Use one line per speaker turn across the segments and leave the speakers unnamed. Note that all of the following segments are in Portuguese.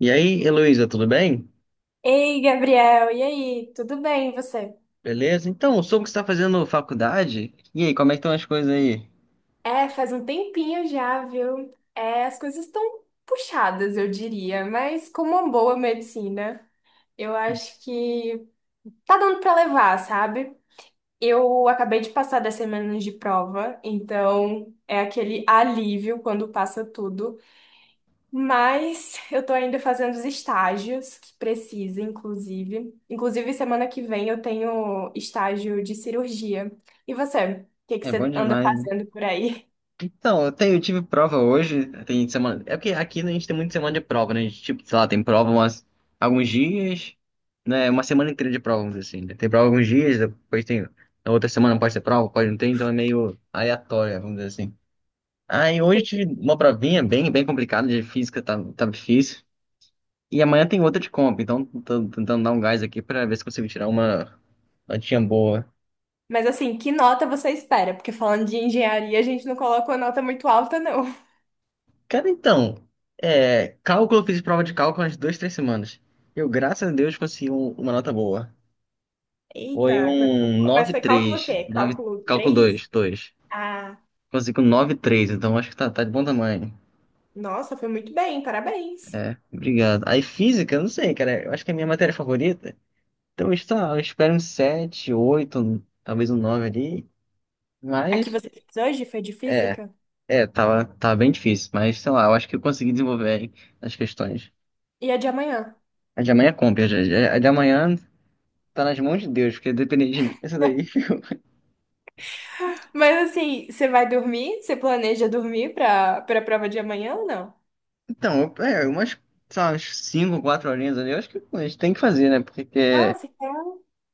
E aí, Heloísa, tudo bem?
Ei, Gabriel, e aí? Tudo bem, e você?
Beleza? Então, eu soube que você está fazendo faculdade. E aí, como é que estão as coisas aí?
É, faz um tempinho já, viu? É, as coisas estão puxadas, eu diria, mas como uma boa medicina, eu acho que tá dando pra levar, sabe? Eu acabei de passar das semanas de prova, então é aquele alívio quando passa tudo. Mas eu tô ainda fazendo os estágios que precisa, inclusive. Semana que vem eu tenho estágio de cirurgia. E você? O que que
É bom
você anda
demais, né?
fazendo por aí?
Então, eu tive prova hoje, tem semana. É porque aqui a gente tem muita semana de prova, né? A gente, tipo, sei lá, tem prova umas, alguns dias, né? Uma semana inteira de prova, vamos dizer assim. Né? Tem prova alguns dias, depois tem. Na outra semana pode ter prova, pode não ter, então é meio aleatória, vamos dizer assim. Aí hoje eu
Sim.
tive uma provinha bem complicada de física, tá difícil. E amanhã tem outra de comp, então tô tentando dar um gás aqui pra ver se consigo tirar uma notinha boa.
Mas assim, que nota você espera? Porque falando de engenharia, a gente não coloca uma nota muito alta, não.
Cara, então, é, cálculo, eu fiz prova de cálculo umas duas, três semanas. Eu, graças a Deus, uma nota boa. Foi
Eita, coisa.
um
Mas
nove vírgula
foi cálculo o
três
quê?
nove
Cálculo
cálculo
3?
2 2.
Ah,
Consegui um nove vírgula três, então acho que tá de bom tamanho.
nossa, foi muito bem, parabéns.
É, obrigado. Aí física, eu não sei, cara, eu acho que é a minha matéria favorita. Então, está, eu espero um 7 8 talvez um 9 ali,
A que
mas...
você fez hoje foi de
É.
física?
É, tava bem difícil, mas sei lá, eu acho que eu consegui desenvolver as questões.
E a de amanhã?
A de amanhã é compra, a de amanhã tá nas mãos de Deus, porque depende de mim, essa daí.
Mas assim, você vai dormir? Você planeja dormir pra prova de amanhã ou não?
Então, sei lá, umas 5, 4 horinhas ali, eu acho que a gente tem que fazer, né?
Nossa, que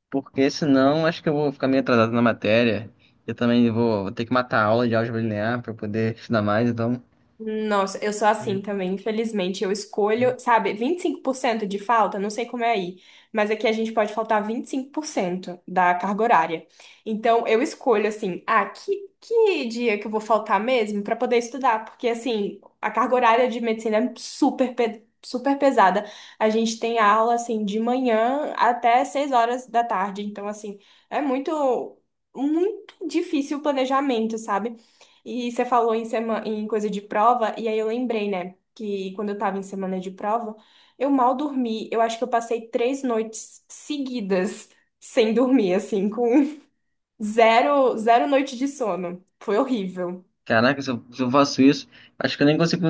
Porque senão acho que eu vou ficar meio atrasado na matéria. Eu também vou ter que matar a aula de álgebra linear pra poder estudar mais, então.
nossa, eu sou assim
É.
também, infelizmente. Eu escolho, sabe, 25% de falta, não sei como é aí, mas aqui a gente pode faltar 25% da carga horária. Então, eu escolho, assim, ah, que dia que eu vou faltar mesmo para poder estudar, porque, assim, a carga horária de medicina é super pesada. A gente tem aula, assim, de manhã até 6 horas da tarde, então, assim, é muito. Muito difícil o planejamento, sabe? E você falou em coisa de prova, e aí eu lembrei, né, que quando eu tava em semana de prova, eu mal dormi. Eu acho que eu passei 3 noites seguidas sem dormir, assim, com zero, zero noite de sono. Foi horrível.
Caraca, se eu faço isso, acho que eu nem consigo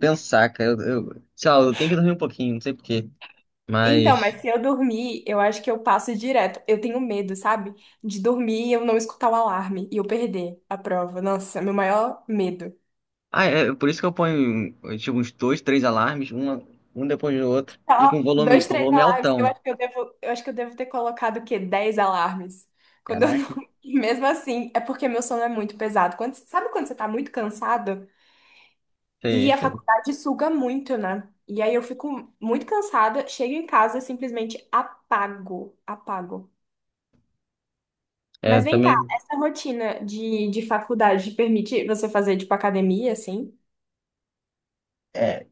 pensar, cara. Sei lá, eu tenho que dormir um pouquinho, não sei por quê.
Então,
Mas.
mas se eu dormir, eu acho que eu passo direto. Eu tenho medo, sabe? De dormir e eu não escutar o alarme e eu perder a prova. Nossa, é meu maior medo.
Ah, é por isso que eu ponho tipo, uns dois, três alarmes, um depois do outro, e
Só dois,
com
três
volume
alarmes.
altão.
Eu acho que eu devo ter colocado o quê? 10 alarmes. Quando eu não...
Caraca.
E mesmo assim, é porque meu sono é muito pesado. Quando, sabe quando você tá muito cansado?
Sei,
E a
sei.
faculdade suga muito, né? E aí eu fico muito cansada, chego em casa, simplesmente apago, apago.
É,
Mas vem cá,
também.
essa rotina de faculdade te permite você fazer, tipo, academia, assim?
É,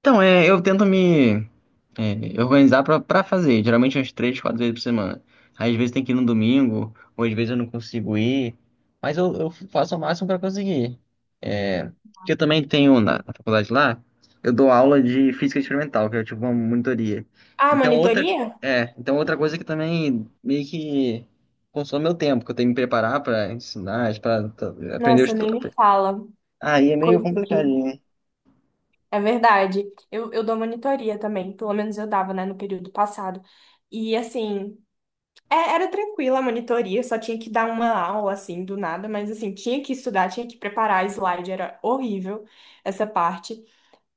então, é, eu tento me. É, organizar pra, pra fazer, geralmente umas três, quatro vezes por semana. Às vezes tem que ir no domingo, ou às vezes eu não consigo ir, mas eu faço o máximo pra conseguir. É, que eu também tenho na faculdade lá, eu dou aula de física experimental, que é tipo uma monitoria.
Ah,
Então outra,
monitoria?
então outra coisa que também meio que consome meu tempo, que eu tenho que me preparar pra ensinar, aprender o
Nossa, nem
estudo.
me fala.
Aí é meio
Coisa
complicado.
assim. É verdade. Eu dou monitoria também. Pelo menos eu dava, né, no período passado. E, assim, é, era tranquila a monitoria, só tinha que dar uma aula assim do nada, mas assim, tinha que estudar, tinha que preparar slide, era horrível essa parte.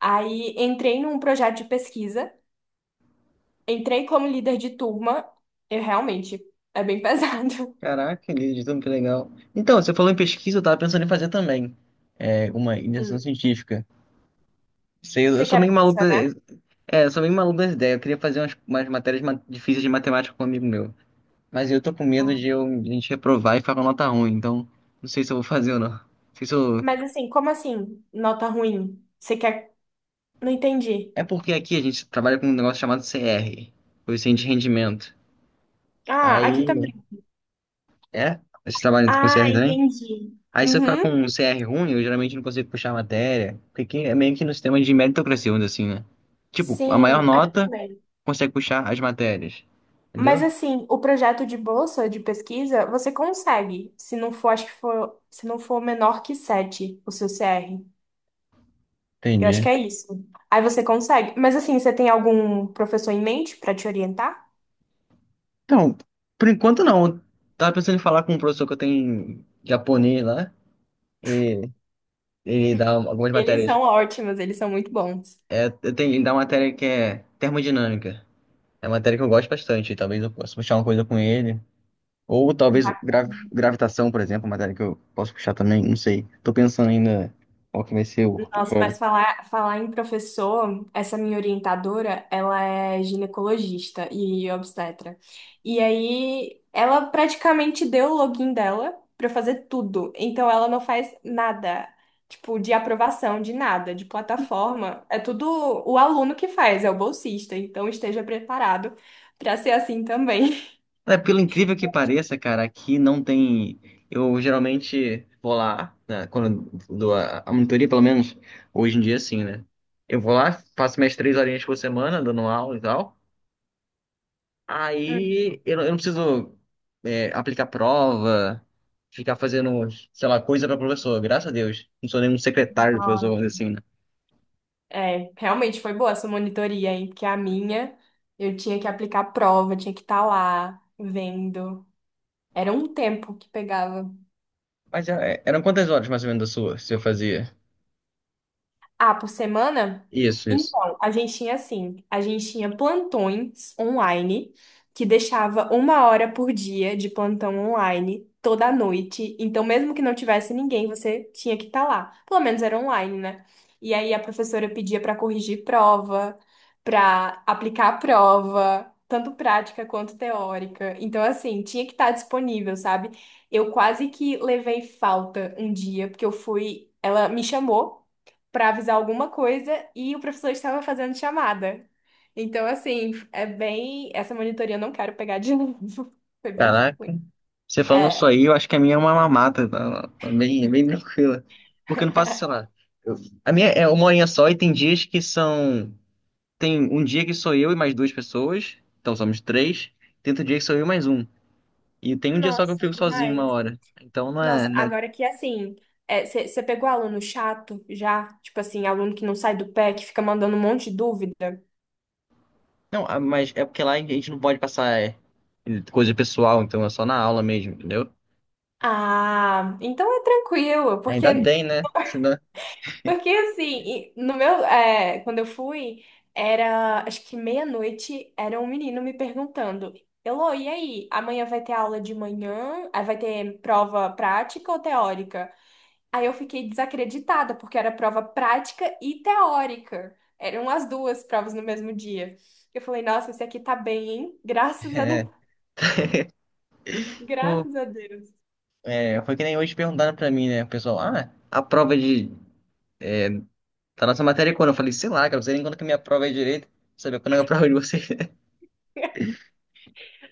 Aí entrei num projeto de pesquisa, entrei como líder de turma, e realmente é bem pesado.
Caraca, Lidiano, que legal. Então, você falou em pesquisa, eu tava pensando em fazer também. É, uma
Hum.
iniciação científica. Sei, eu
Você
sou
quer
meio maluco.
bolsa, né?
Eu sou meio maluco das ideias. Eu queria fazer umas difíceis de matemática com um amigo meu. Mas eu tô com medo
Ah.
de a gente reprovar e ficar com nota ruim, então não sei se eu vou fazer ou não. Não sei se eu...
Mas assim, como assim, nota ruim? Você quer. Não entendi.
É porque aqui a gente trabalha com um negócio chamado CR, coeficiente de rendimento.
Ah, aqui também.
Aí. É? Vocês trabalham com
Ah,
CR também?
entendi.
Aí se eu ficar com
Uhum.
um CR ruim, eu geralmente não consigo puxar a matéria, porque aqui é meio que no sistema de meritocracia, vamos dizer assim, né? Tipo, a maior
Sim, aqui
nota
também.
consegue puxar as matérias,
Mas
entendeu?
assim, o projeto de bolsa de pesquisa, você consegue, se não for, acho que for, se não for menor que 7 o seu CR. Eu acho
Entendi.
que é isso. Aí você consegue. Mas assim, você tem algum professor em mente para te orientar?
Então, por enquanto não. Eu tava pensando em falar com um professor que eu tenho em japonês lá, e ele dá algumas
Eles
matérias.
são ótimos, eles são muito bons.
É, eu tenho, ele dá uma matéria que é termodinâmica. É uma matéria que eu gosto bastante, talvez eu possa puxar uma coisa com ele. Ou talvez gravitação, por exemplo, matéria que eu posso puxar também, não sei. Tô pensando ainda qual que vai ser o
Nossa, mas
ramo.
falar em professor, essa minha orientadora, ela é ginecologista e obstetra. E aí, ela praticamente deu o login dela pra eu fazer tudo. Então, ela não faz nada, tipo, de aprovação, de nada, de plataforma. É tudo o aluno que faz, é o bolsista. Então, esteja preparado pra ser assim também.
É, pelo incrível que pareça, cara, aqui não tem. Eu geralmente vou lá, né, quando eu dou a monitoria, pelo menos hoje em dia, assim, né? Eu vou lá, faço minhas três horinhas por semana, dando aula e tal. Aí eu, não Eu não preciso aplicar prova, ficar fazendo, sei lá, coisa para professor, graças a Deus. Não sou nenhum secretário do professor,
Hum.
vamos dizer assim, né.
É, realmente foi boa essa monitoria, hein? Porque a minha, eu tinha que aplicar prova, tinha que estar lá vendo. Era um tempo que pegava.
Mas é, eram quantas horas mais ou menos da sua, se eu fazia?
Ah, por semana?
Isso, isso.
Então, a gente tinha assim, a gente tinha plantões online, que deixava uma hora por dia de plantão online toda noite. Então, mesmo que não tivesse ninguém, você tinha que estar lá. Pelo menos era online, né? E aí a professora pedia para corrigir prova, para aplicar a prova, tanto prática quanto teórica. Então, assim, tinha que estar disponível, sabe? Eu quase que levei falta um dia, porque eu fui. Ela me chamou para avisar alguma coisa e o professor estava fazendo chamada. Então, assim, é bem. Essa monitoria eu não quero pegar de novo. Foi bem ruim.
Caraca. Você falando isso
É.
aí, eu acho que a minha é uma mamata, tá? Tá bem tranquila. Porque eu não faço, sei lá. eu- a minha é uma horinha só e tem dias que são. Tem um dia que sou eu e mais duas pessoas, então somos três. Tem outro dia que sou eu e mais um. E tem um dia só que
Nossa,
eu fico sozinho uma
demais.
hora. Então não é,
Nossa,
né?
agora que assim. Você pegou aluno chato já? Tipo assim, aluno que não sai do pé, que fica mandando um monte de dúvida?
Não, ah, mas é porque lá a gente não pode passar coisa pessoal, então é só na aula mesmo, entendeu?
Ah, então é tranquilo,
Ainda
porque
bem, né? Senão,
porque assim, e no meu, é, quando eu fui, era acho que meia-noite, era um menino me perguntando, Elô, e aí? Amanhã vai ter aula de manhã? Aí vai ter prova prática ou teórica? Aí eu fiquei desacreditada, porque era prova prática e teórica. Eram as duas provas no mesmo dia. Eu falei, nossa, esse aqui tá bem, hein? Graças a Deus.
é.
Graças a Deus.
É, foi que nem hoje perguntaram pra mim, né? O pessoal, ah, a prova de... da nossa matéria é quando? Eu falei, sei lá, cara, não sei nem quando que a minha prova é direito. Saber quando é a prova de vocês.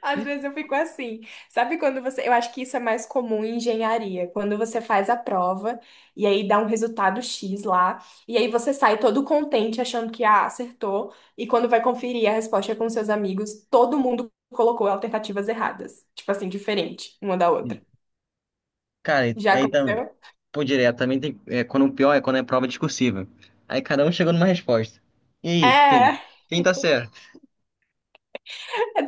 Às vezes eu fico assim. Sabe quando você. Eu acho que isso é mais comum em engenharia. Quando você faz a prova e aí dá um resultado X lá. E aí você sai todo contente achando que ah, acertou. E quando vai conferir a resposta com seus amigos, todo mundo colocou alternativas erradas. Tipo assim, diferente uma da outra.
Cara,
Já aconteceu?
pô, direto, também tem. É, quando o pior é quando é prova discursiva. Aí cada um chegou numa resposta. E aí, quem?
É.
Quem tá certo?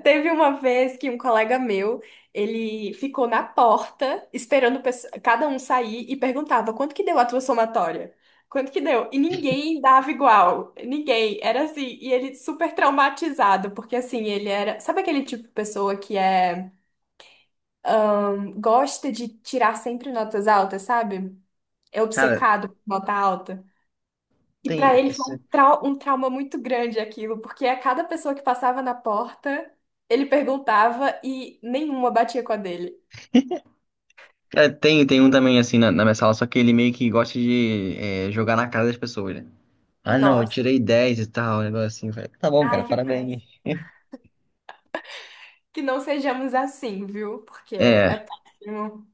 Teve uma vez que um colega meu, ele ficou na porta esperando cada um sair e perguntava quanto que deu a tua somatória? Quanto que deu? E ninguém dava igual. Ninguém. Era assim. E ele super traumatizado, porque assim, ele era. Sabe aquele tipo de pessoa que é. Gosta de tirar sempre notas altas, sabe? É
Cara,
obcecado por nota alta. E para
tem.
ele foi
esse-
um trauma muito grande aquilo, porque a cada pessoa que passava na porta, ele perguntava e nenhuma batia com a dele.
Cara, tem um também assim na minha sala, só que ele meio que gosta de jogar na cara das pessoas, né? Ah, não, eu
Nossa,
tirei 10 e tal, um negócio assim. Eu falei, tá bom, cara,
ai que
parabéns.
péssimo. Que não sejamos assim, viu? Porque é
É.
péssimo.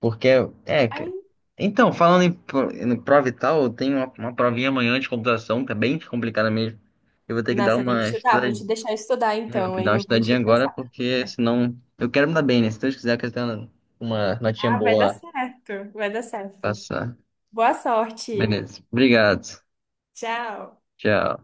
Porque, é,
Ai,
que- então, em prova e tal, eu tenho uma provinha amanhã de computação, tá bem complicada mesmo. Eu vou ter que
não,
dar
você tem que
uma
estudar, vou
estudadinha,
te deixar estudar então, hein?
dar uma
Não vou encher
estudadinha
seu
agora,
saco.
porque senão eu quero me dar bem, né? Se Deus quiser, eu quero ter uma notinha
Ah, vai dar
boa lá,
certo, vai dar certo.
passar.
Boa sorte.
Beleza. Obrigado.
Tchau.
Tchau.